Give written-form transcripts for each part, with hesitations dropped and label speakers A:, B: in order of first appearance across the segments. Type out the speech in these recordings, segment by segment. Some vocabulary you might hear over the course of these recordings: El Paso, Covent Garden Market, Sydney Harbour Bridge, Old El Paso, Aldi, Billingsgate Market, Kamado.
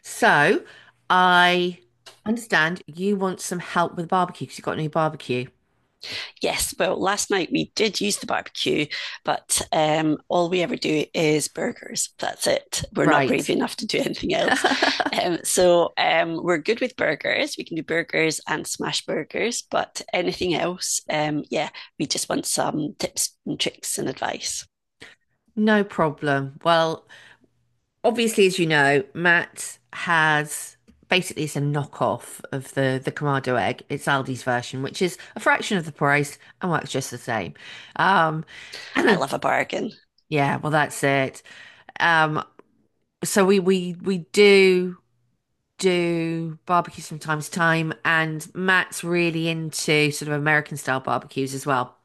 A: So I understand you want some help with barbecue because you've got a new barbecue.
B: Yes, well, last night we did use the barbecue, but all we ever do is burgers. That's it. We're not brave
A: Right.
B: enough to do anything else. We're good with burgers. We can do burgers and smash burgers, but anything else, yeah, we just want some tips and tricks and advice.
A: No problem. Well, obviously, as you know, Matt has basically it's a knockoff of the Kamado egg. It's Aldi's version, which is a fraction of the price and works just the same. Um,
B: I love a bargain.
A: yeah, well, that's it. Um, so we do barbecues from time to time, and Matt's really into sort of American style barbecues as well.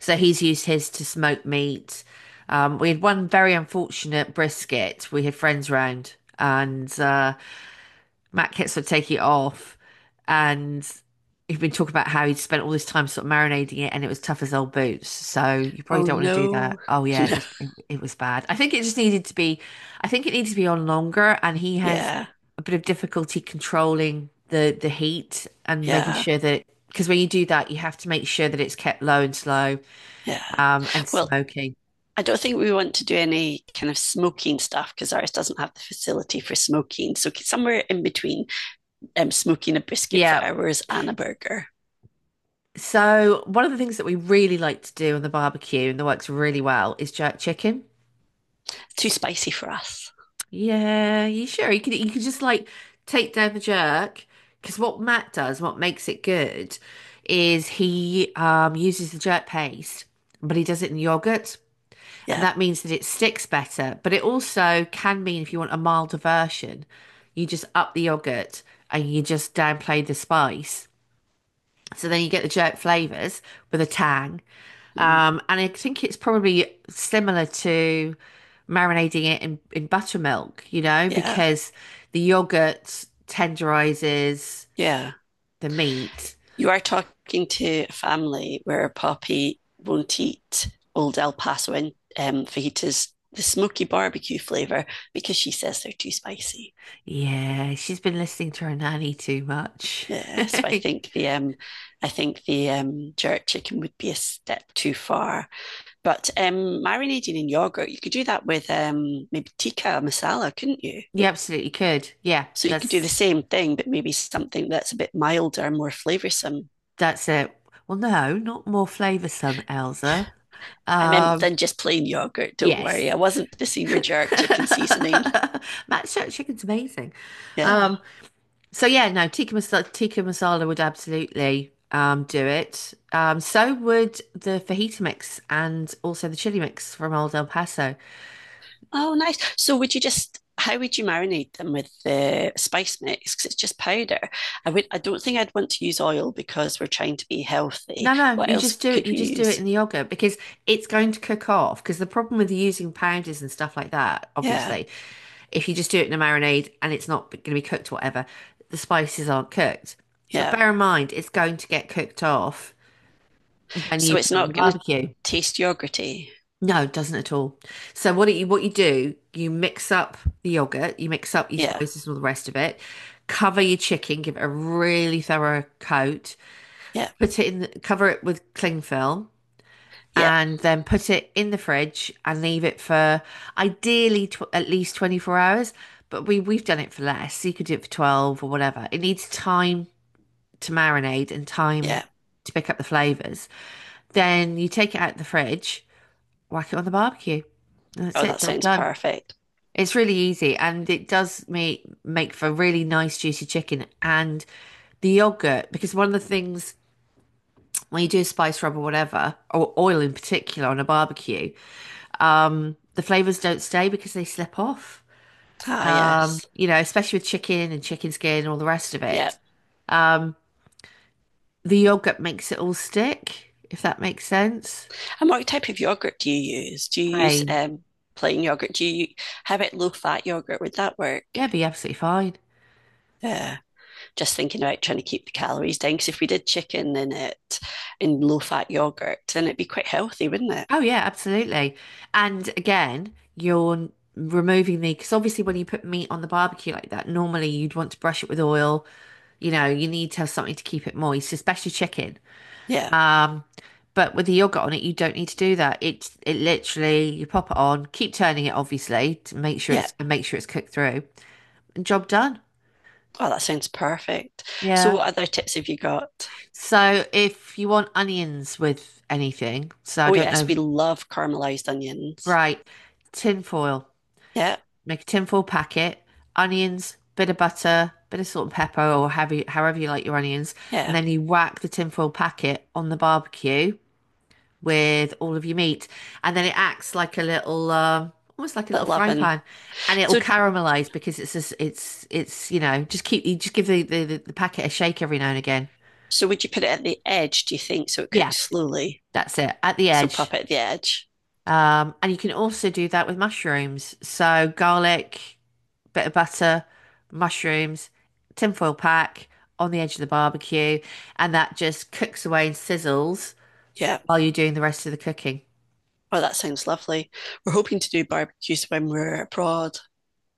A: So he's used his to smoke meat. We had one very unfortunate brisket. We had friends round, and Matt Kits would take it off, and he'd been talking about how he'd spent all this time sort of marinating it, and it was tough as old boots. So you probably
B: Oh,
A: don't want to do
B: no.
A: that. Oh yeah, it
B: No.
A: was it, it was bad. I think it needed to be on longer, and he has
B: Yeah,
A: a bit of difficulty controlling the heat and making
B: yeah,
A: sure that because when you do that, you have to make sure that it's kept low and slow,
B: yeah.
A: and
B: Well,
A: smoky.
B: I don't think we want to do any kind of smoking stuff because ours doesn't have the facility for smoking. So somewhere in between smoking a brisket for
A: Yeah.
B: hours and a burger.
A: So one of the things that we really like to do on the barbecue and that works really well is jerk chicken.
B: Too spicy for us.
A: Yeah, you sure? You could just like take down the jerk because what Matt does, what makes it good, is he uses the jerk paste, but he does it in yogurt, and
B: Yeah.
A: that means that it sticks better. But it also can mean if you want a milder version, you just up the yogurt and you just downplay the spice. So then you get the jerk flavors with a tang,
B: Mm,
A: and I think it's probably similar to marinating it in buttermilk, you know,
B: yeah.
A: because the yogurt tenderizes
B: Yeah.
A: the meat.
B: You are talking to a family where Poppy won't eat old El Paso and fajitas, the smoky barbecue flavor, because she says they're too spicy.
A: Yeah, she's been listening to her nanny too much.
B: Yeah, so I think the jerk chicken would be a step too far. But marinating in yogurt, you could do that with maybe tikka masala, couldn't you?
A: You absolutely could. Yeah,
B: So you could do the
A: that's
B: same thing, but maybe something that's a bit milder, more flavoursome.
A: that's it. Well, no, not more flavoursome, Elsa.
B: I meant
A: Um,
B: than just plain yogurt. Don't worry,
A: yes.
B: I wasn't missing your jerk chicken seasoning.
A: Matt Shirt chicken's amazing.
B: Yeah.
A: Um, So yeah, no, tikka masala would absolutely do it. So would the fajita mix and also the chili mix from Old El Paso.
B: Oh, nice. So would you just? How would you marinate them with the spice mix? Because it's just powder. I would. I don't think I'd want to use oil because we're trying to be healthy.
A: No, no,
B: What
A: you
B: else
A: just do it.
B: could
A: You
B: we
A: just do it
B: use?
A: in the yogurt because it's going to cook off. Because the problem with using powders and stuff like that,
B: Yeah,
A: obviously, if you just do it in a marinade and it's not going to be cooked, whatever, the spices aren't cooked. But
B: yeah.
A: bear in mind, it's going to get cooked off when
B: So
A: you
B: it's
A: put it on
B: not
A: the
B: going to
A: barbecue.
B: taste yogurty.
A: No, it doesn't at all. So what you do, you mix up the yogurt, you mix up your
B: Yeah,
A: spices and all the rest of it, cover your chicken, give it a really thorough coat,
B: yeah,
A: put it in the, cover it with cling film,
B: yeah,
A: and then put it in the fridge and leave it for ideally tw at least 24 hours, but we've done it for less. So you could do it for 12 or whatever. It needs time to marinate and time
B: yeah.
A: to pick up the flavors. Then you take it out of the fridge, whack it on the barbecue. And that's
B: Oh,
A: it,
B: that
A: job
B: sounds
A: done.
B: perfect.
A: It's really easy and it does make for really nice juicy chicken and the yogurt because one of the things when you do a spice rub or whatever or oil in particular on a barbecue, the flavors don't stay because they slip off.
B: Ah, yes.
A: You know, especially with chicken and chicken skin and all the rest of
B: Yeah.
A: it. Um, the yogurt makes it all stick, if that makes sense.
B: And what type of yogurt do you use? Do you use
A: Plain.
B: plain yogurt? Do you How about low fat yogurt? Would that work?
A: Yeah, be absolutely fine.
B: Yeah. Just thinking about trying to keep the calories down. Because if we did chicken in it in low fat yogurt, then it'd be quite healthy, wouldn't it?
A: Oh yeah, absolutely. And again, removing the, because obviously when you put meat on the barbecue like that, normally you'd want to brush it with oil. You know, you need to have something to keep it moist, especially chicken.
B: Yeah.
A: Um, but with the yogurt on it, you don't need to do that. It's it literally you pop it on, keep turning it obviously to make sure
B: Yeah.
A: it's and make sure it's cooked through, and job done.
B: Oh, that sounds perfect. So
A: Yeah.
B: what other tips have you got?
A: So if you want onions with anything, so I
B: Oh
A: don't
B: yes,
A: know,
B: we love caramelized onions.
A: right, tin foil.
B: Yeah.
A: Make a tinfoil packet, onions, bit of butter, bit of salt and pepper, however you like your onions, and
B: Yeah.
A: then you whack the tinfoil packet on the barbecue with all of your meat, and then it acts like a little, almost like a little
B: That
A: frying
B: loving.
A: pan, and it will
B: So
A: caramelize because it's just, it's you know just keep you just give the packet a shake every now and again.
B: So would you put it at the edge, do you think, so it
A: Yeah,
B: cooks slowly?
A: that's it at the
B: So pop
A: edge.
B: it at the edge.
A: And you can also do that with mushrooms. So garlic, bit of butter, mushrooms, tinfoil pack on the edge of the barbecue, and that just cooks away and sizzles
B: Yeah.
A: while you're doing the rest of the cooking.
B: Oh, that sounds lovely. We're hoping to do barbecues when we're abroad.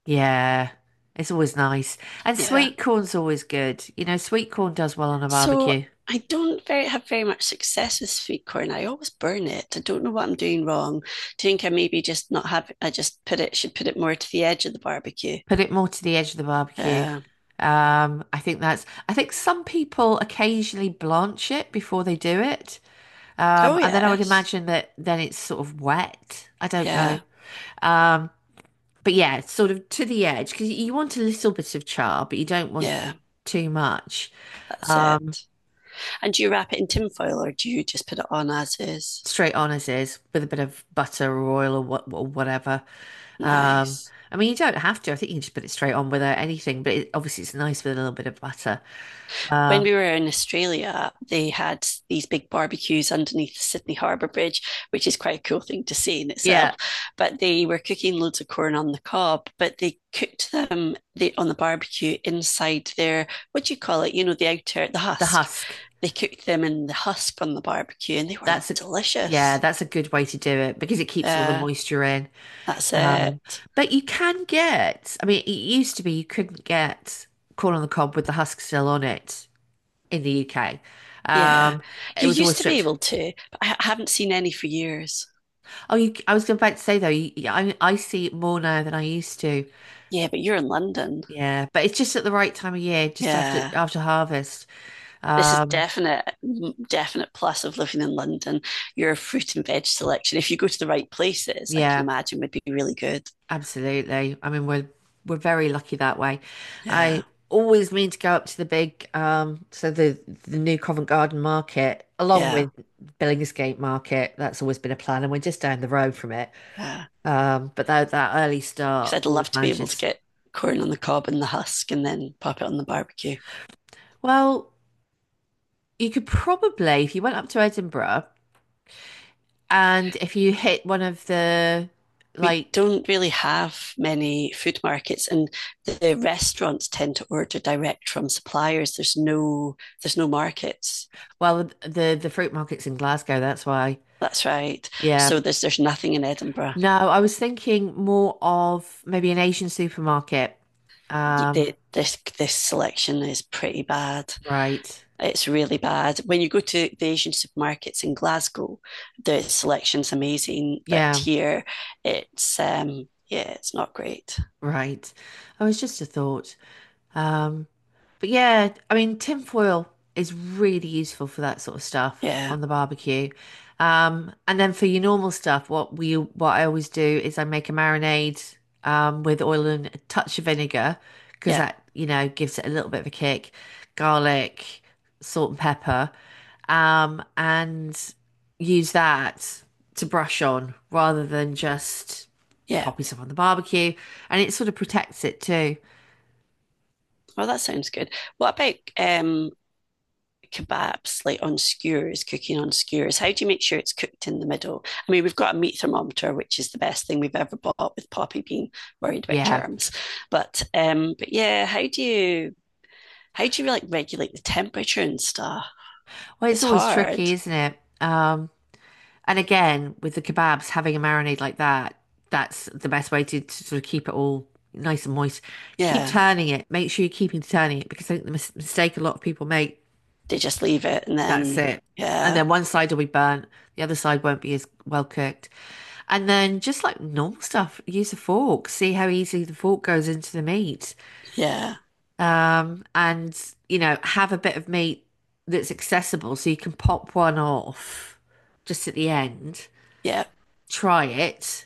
A: Yeah, it's always nice. And
B: Yeah.
A: sweet corn's always good. You know, sweet corn does well on a
B: So
A: barbecue.
B: I don't very have very much success with sweet corn. I always burn it. I don't know what I'm doing wrong. Do you think I maybe just not have I just put it should put it more to the edge of the barbecue?
A: Put it more to the edge of the barbecue.
B: Yeah.
A: I think some people occasionally blanch it before they do it.
B: Oh
A: And then I would
B: yes.
A: imagine that then it's sort of wet. I don't know.
B: Yeah.
A: Um, But yeah, it's sort of to the edge because you want a little bit of char, but you don't want
B: Yeah.
A: too much.
B: That's
A: Um,
B: it. And do you wrap it in tin foil or do you just put it on as is?
A: Straight on as is with a bit of butter or oil or whatever. Um,
B: Nice.
A: I mean, you don't have to. I think you can just put it straight on without anything. But it, obviously, it's nice with a little bit of butter.
B: When
A: Um,
B: we were in Australia, they had these big barbecues underneath the Sydney Harbour Bridge, which is quite a cool thing to see in itself.
A: yeah,
B: But they were cooking loads of corn on the cob, but they cooked them on the barbecue inside their, what do you call it? You know, the outer, the
A: the
B: husk.
A: husk.
B: They cooked them in the husk on the barbecue and they were
A: That's a Yeah,
B: delicious.
A: that's a good way to do it because it keeps all the
B: Uh,
A: moisture in.
B: that's
A: Um,
B: it.
A: but you can get. I mean, it used to be you couldn't get corn on the cob with the husk still on it in the UK.
B: Yeah.
A: Um, it
B: You
A: was
B: used
A: always
B: to be
A: stripped.
B: able to, but I haven't seen any for years.
A: I was about to say though, yeah, I see it more now than I used to.
B: Yeah, but you're in London.
A: Yeah, but it's just at the right time of year, just
B: Yeah.
A: after harvest.
B: This is
A: Um,
B: definite plus of living in London. Your fruit and veg selection, if you go to the right places, I can
A: yeah,
B: imagine would be really good.
A: absolutely. I mean, we're very lucky that way. I
B: Yeah,
A: always mean to go up to the big, so the new Covent Garden Market, along
B: yeah,
A: with Billingsgate Market. That's always been a plan, and we're just down the road from it.
B: yeah.
A: But that early
B: Because
A: start
B: I'd love
A: always
B: to be able to
A: manages.
B: get corn on the cob and the husk, and then pop it on the barbecue.
A: Well, you could probably, if you went up to Edinburgh and if you hit one of the
B: We
A: like
B: don't really have many food markets, and the restaurants tend to order direct from suppliers. There's no markets.
A: well the fruit markets in Glasgow, that's why.
B: That's right.
A: Yeah.
B: So there's nothing in Edinburgh.
A: No, I was thinking more of maybe an Asian supermarket. Um,
B: This selection is pretty bad.
A: right.
B: It's really bad. When you go to the Asian supermarkets in Glasgow, the selection's amazing, but
A: Yeah,
B: here it's yeah, it's not great.
A: right. Oh, it's just a thought. Um, But yeah, I mean, tin foil is really useful for that sort of stuff
B: Yeah,
A: on the barbecue. And then for your normal stuff, what we what I always do is I make a marinade with oil and a touch of vinegar because
B: yeah,
A: that, you know, gives it a little bit of a kick. Garlic, salt and pepper, and use that to brush on rather than just
B: yeah.
A: popping stuff on the barbecue. And it sort of protects it too.
B: Well, that sounds good. What about kebabs like on skewers, cooking on skewers? How do you make sure it's cooked in the middle? I mean, we've got a meat thermometer, which is the best thing we've ever bought with Poppy being worried about
A: Yeah,
B: germs. But yeah, how do you like regulate the temperature and stuff?
A: well, it's
B: It's
A: always tricky,
B: hard.
A: isn't it? And again, with the kebabs, having a marinade like that, that's the best way to sort of keep it all nice and moist. Keep
B: Yeah.
A: turning it. Make sure you're keeping turning it because I think the mis mistake a lot of people make,
B: They just leave it and
A: that's
B: then
A: it. And
B: yeah,
A: then one side will be burnt, the other side won't be as well cooked. And then just like normal stuff, use a fork. See how easily the fork goes into the meat
B: yeah,
A: and you know, have a bit of meat that's accessible so you can pop one off just at the end,
B: yeah.
A: try it.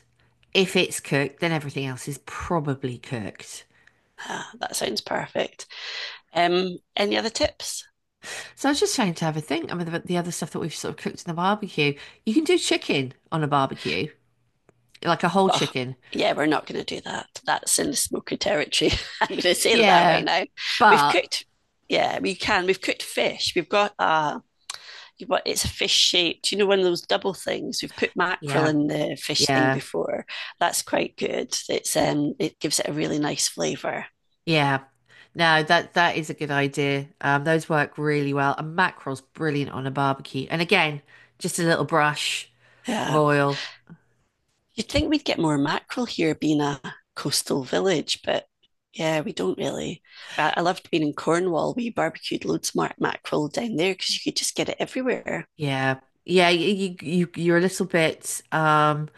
A: If it's cooked, then everything else is probably cooked.
B: Ah, that sounds perfect. Any other tips?
A: So I was just trying to have a think. I mean, the other stuff that we've sort of cooked in the barbecue, you can do chicken on a barbecue, like a whole
B: Oh,
A: chicken.
B: yeah, we're not going to do that. That's in the smoky territory. I'm going to say that right
A: Yeah,
B: now. We've
A: but
B: cooked. Yeah, we can. We've cooked fish. We've got you it's a fish shaped. You know, one of those double things. We've put mackerel
A: yeah,
B: in the fish thing
A: yeah.
B: before. That's quite good. It's it gives it a really nice flavour.
A: Yeah. No, that is a good idea. Those work really well. And mackerel's brilliant on a barbecue. And again, just a little brush of
B: Yeah.
A: oil.
B: You'd think we'd get more mackerel here being a coastal village, but yeah, we don't really. I loved being in Cornwall. We barbecued loads of mackerel down there because you could just get it everywhere.
A: Yeah. Yeah, you're a little bit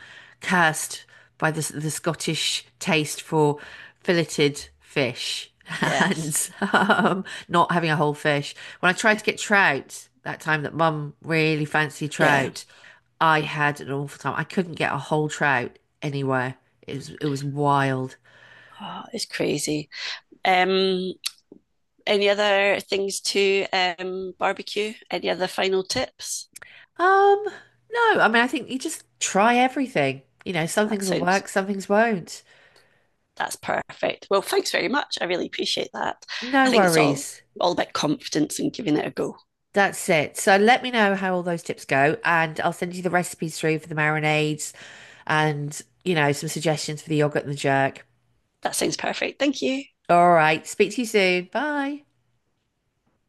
A: cursed by the Scottish taste for filleted fish
B: Yes.
A: and not having a whole fish. When I tried
B: Yeah.
A: to get trout that time that Mum really fancied
B: Yeah.
A: trout, I had an awful time. I couldn't get a whole trout anywhere. It was wild.
B: Oh, it's crazy. Um, any other things to barbecue? Any other final tips?
A: Um, no, I mean I think you just try everything. You know, some
B: That
A: things will
B: sounds
A: work, some things won't.
B: that's perfect. Well, thanks very much. I really appreciate that. I
A: No
B: think it's
A: worries.
B: all about confidence and giving it a go.
A: That's it. So let me know how all those tips go, and I'll send you the recipes through for the marinades and, you know, some suggestions for the yogurt and the jerk.
B: That sounds perfect. Thank you.
A: All right. Speak to you soon. Bye.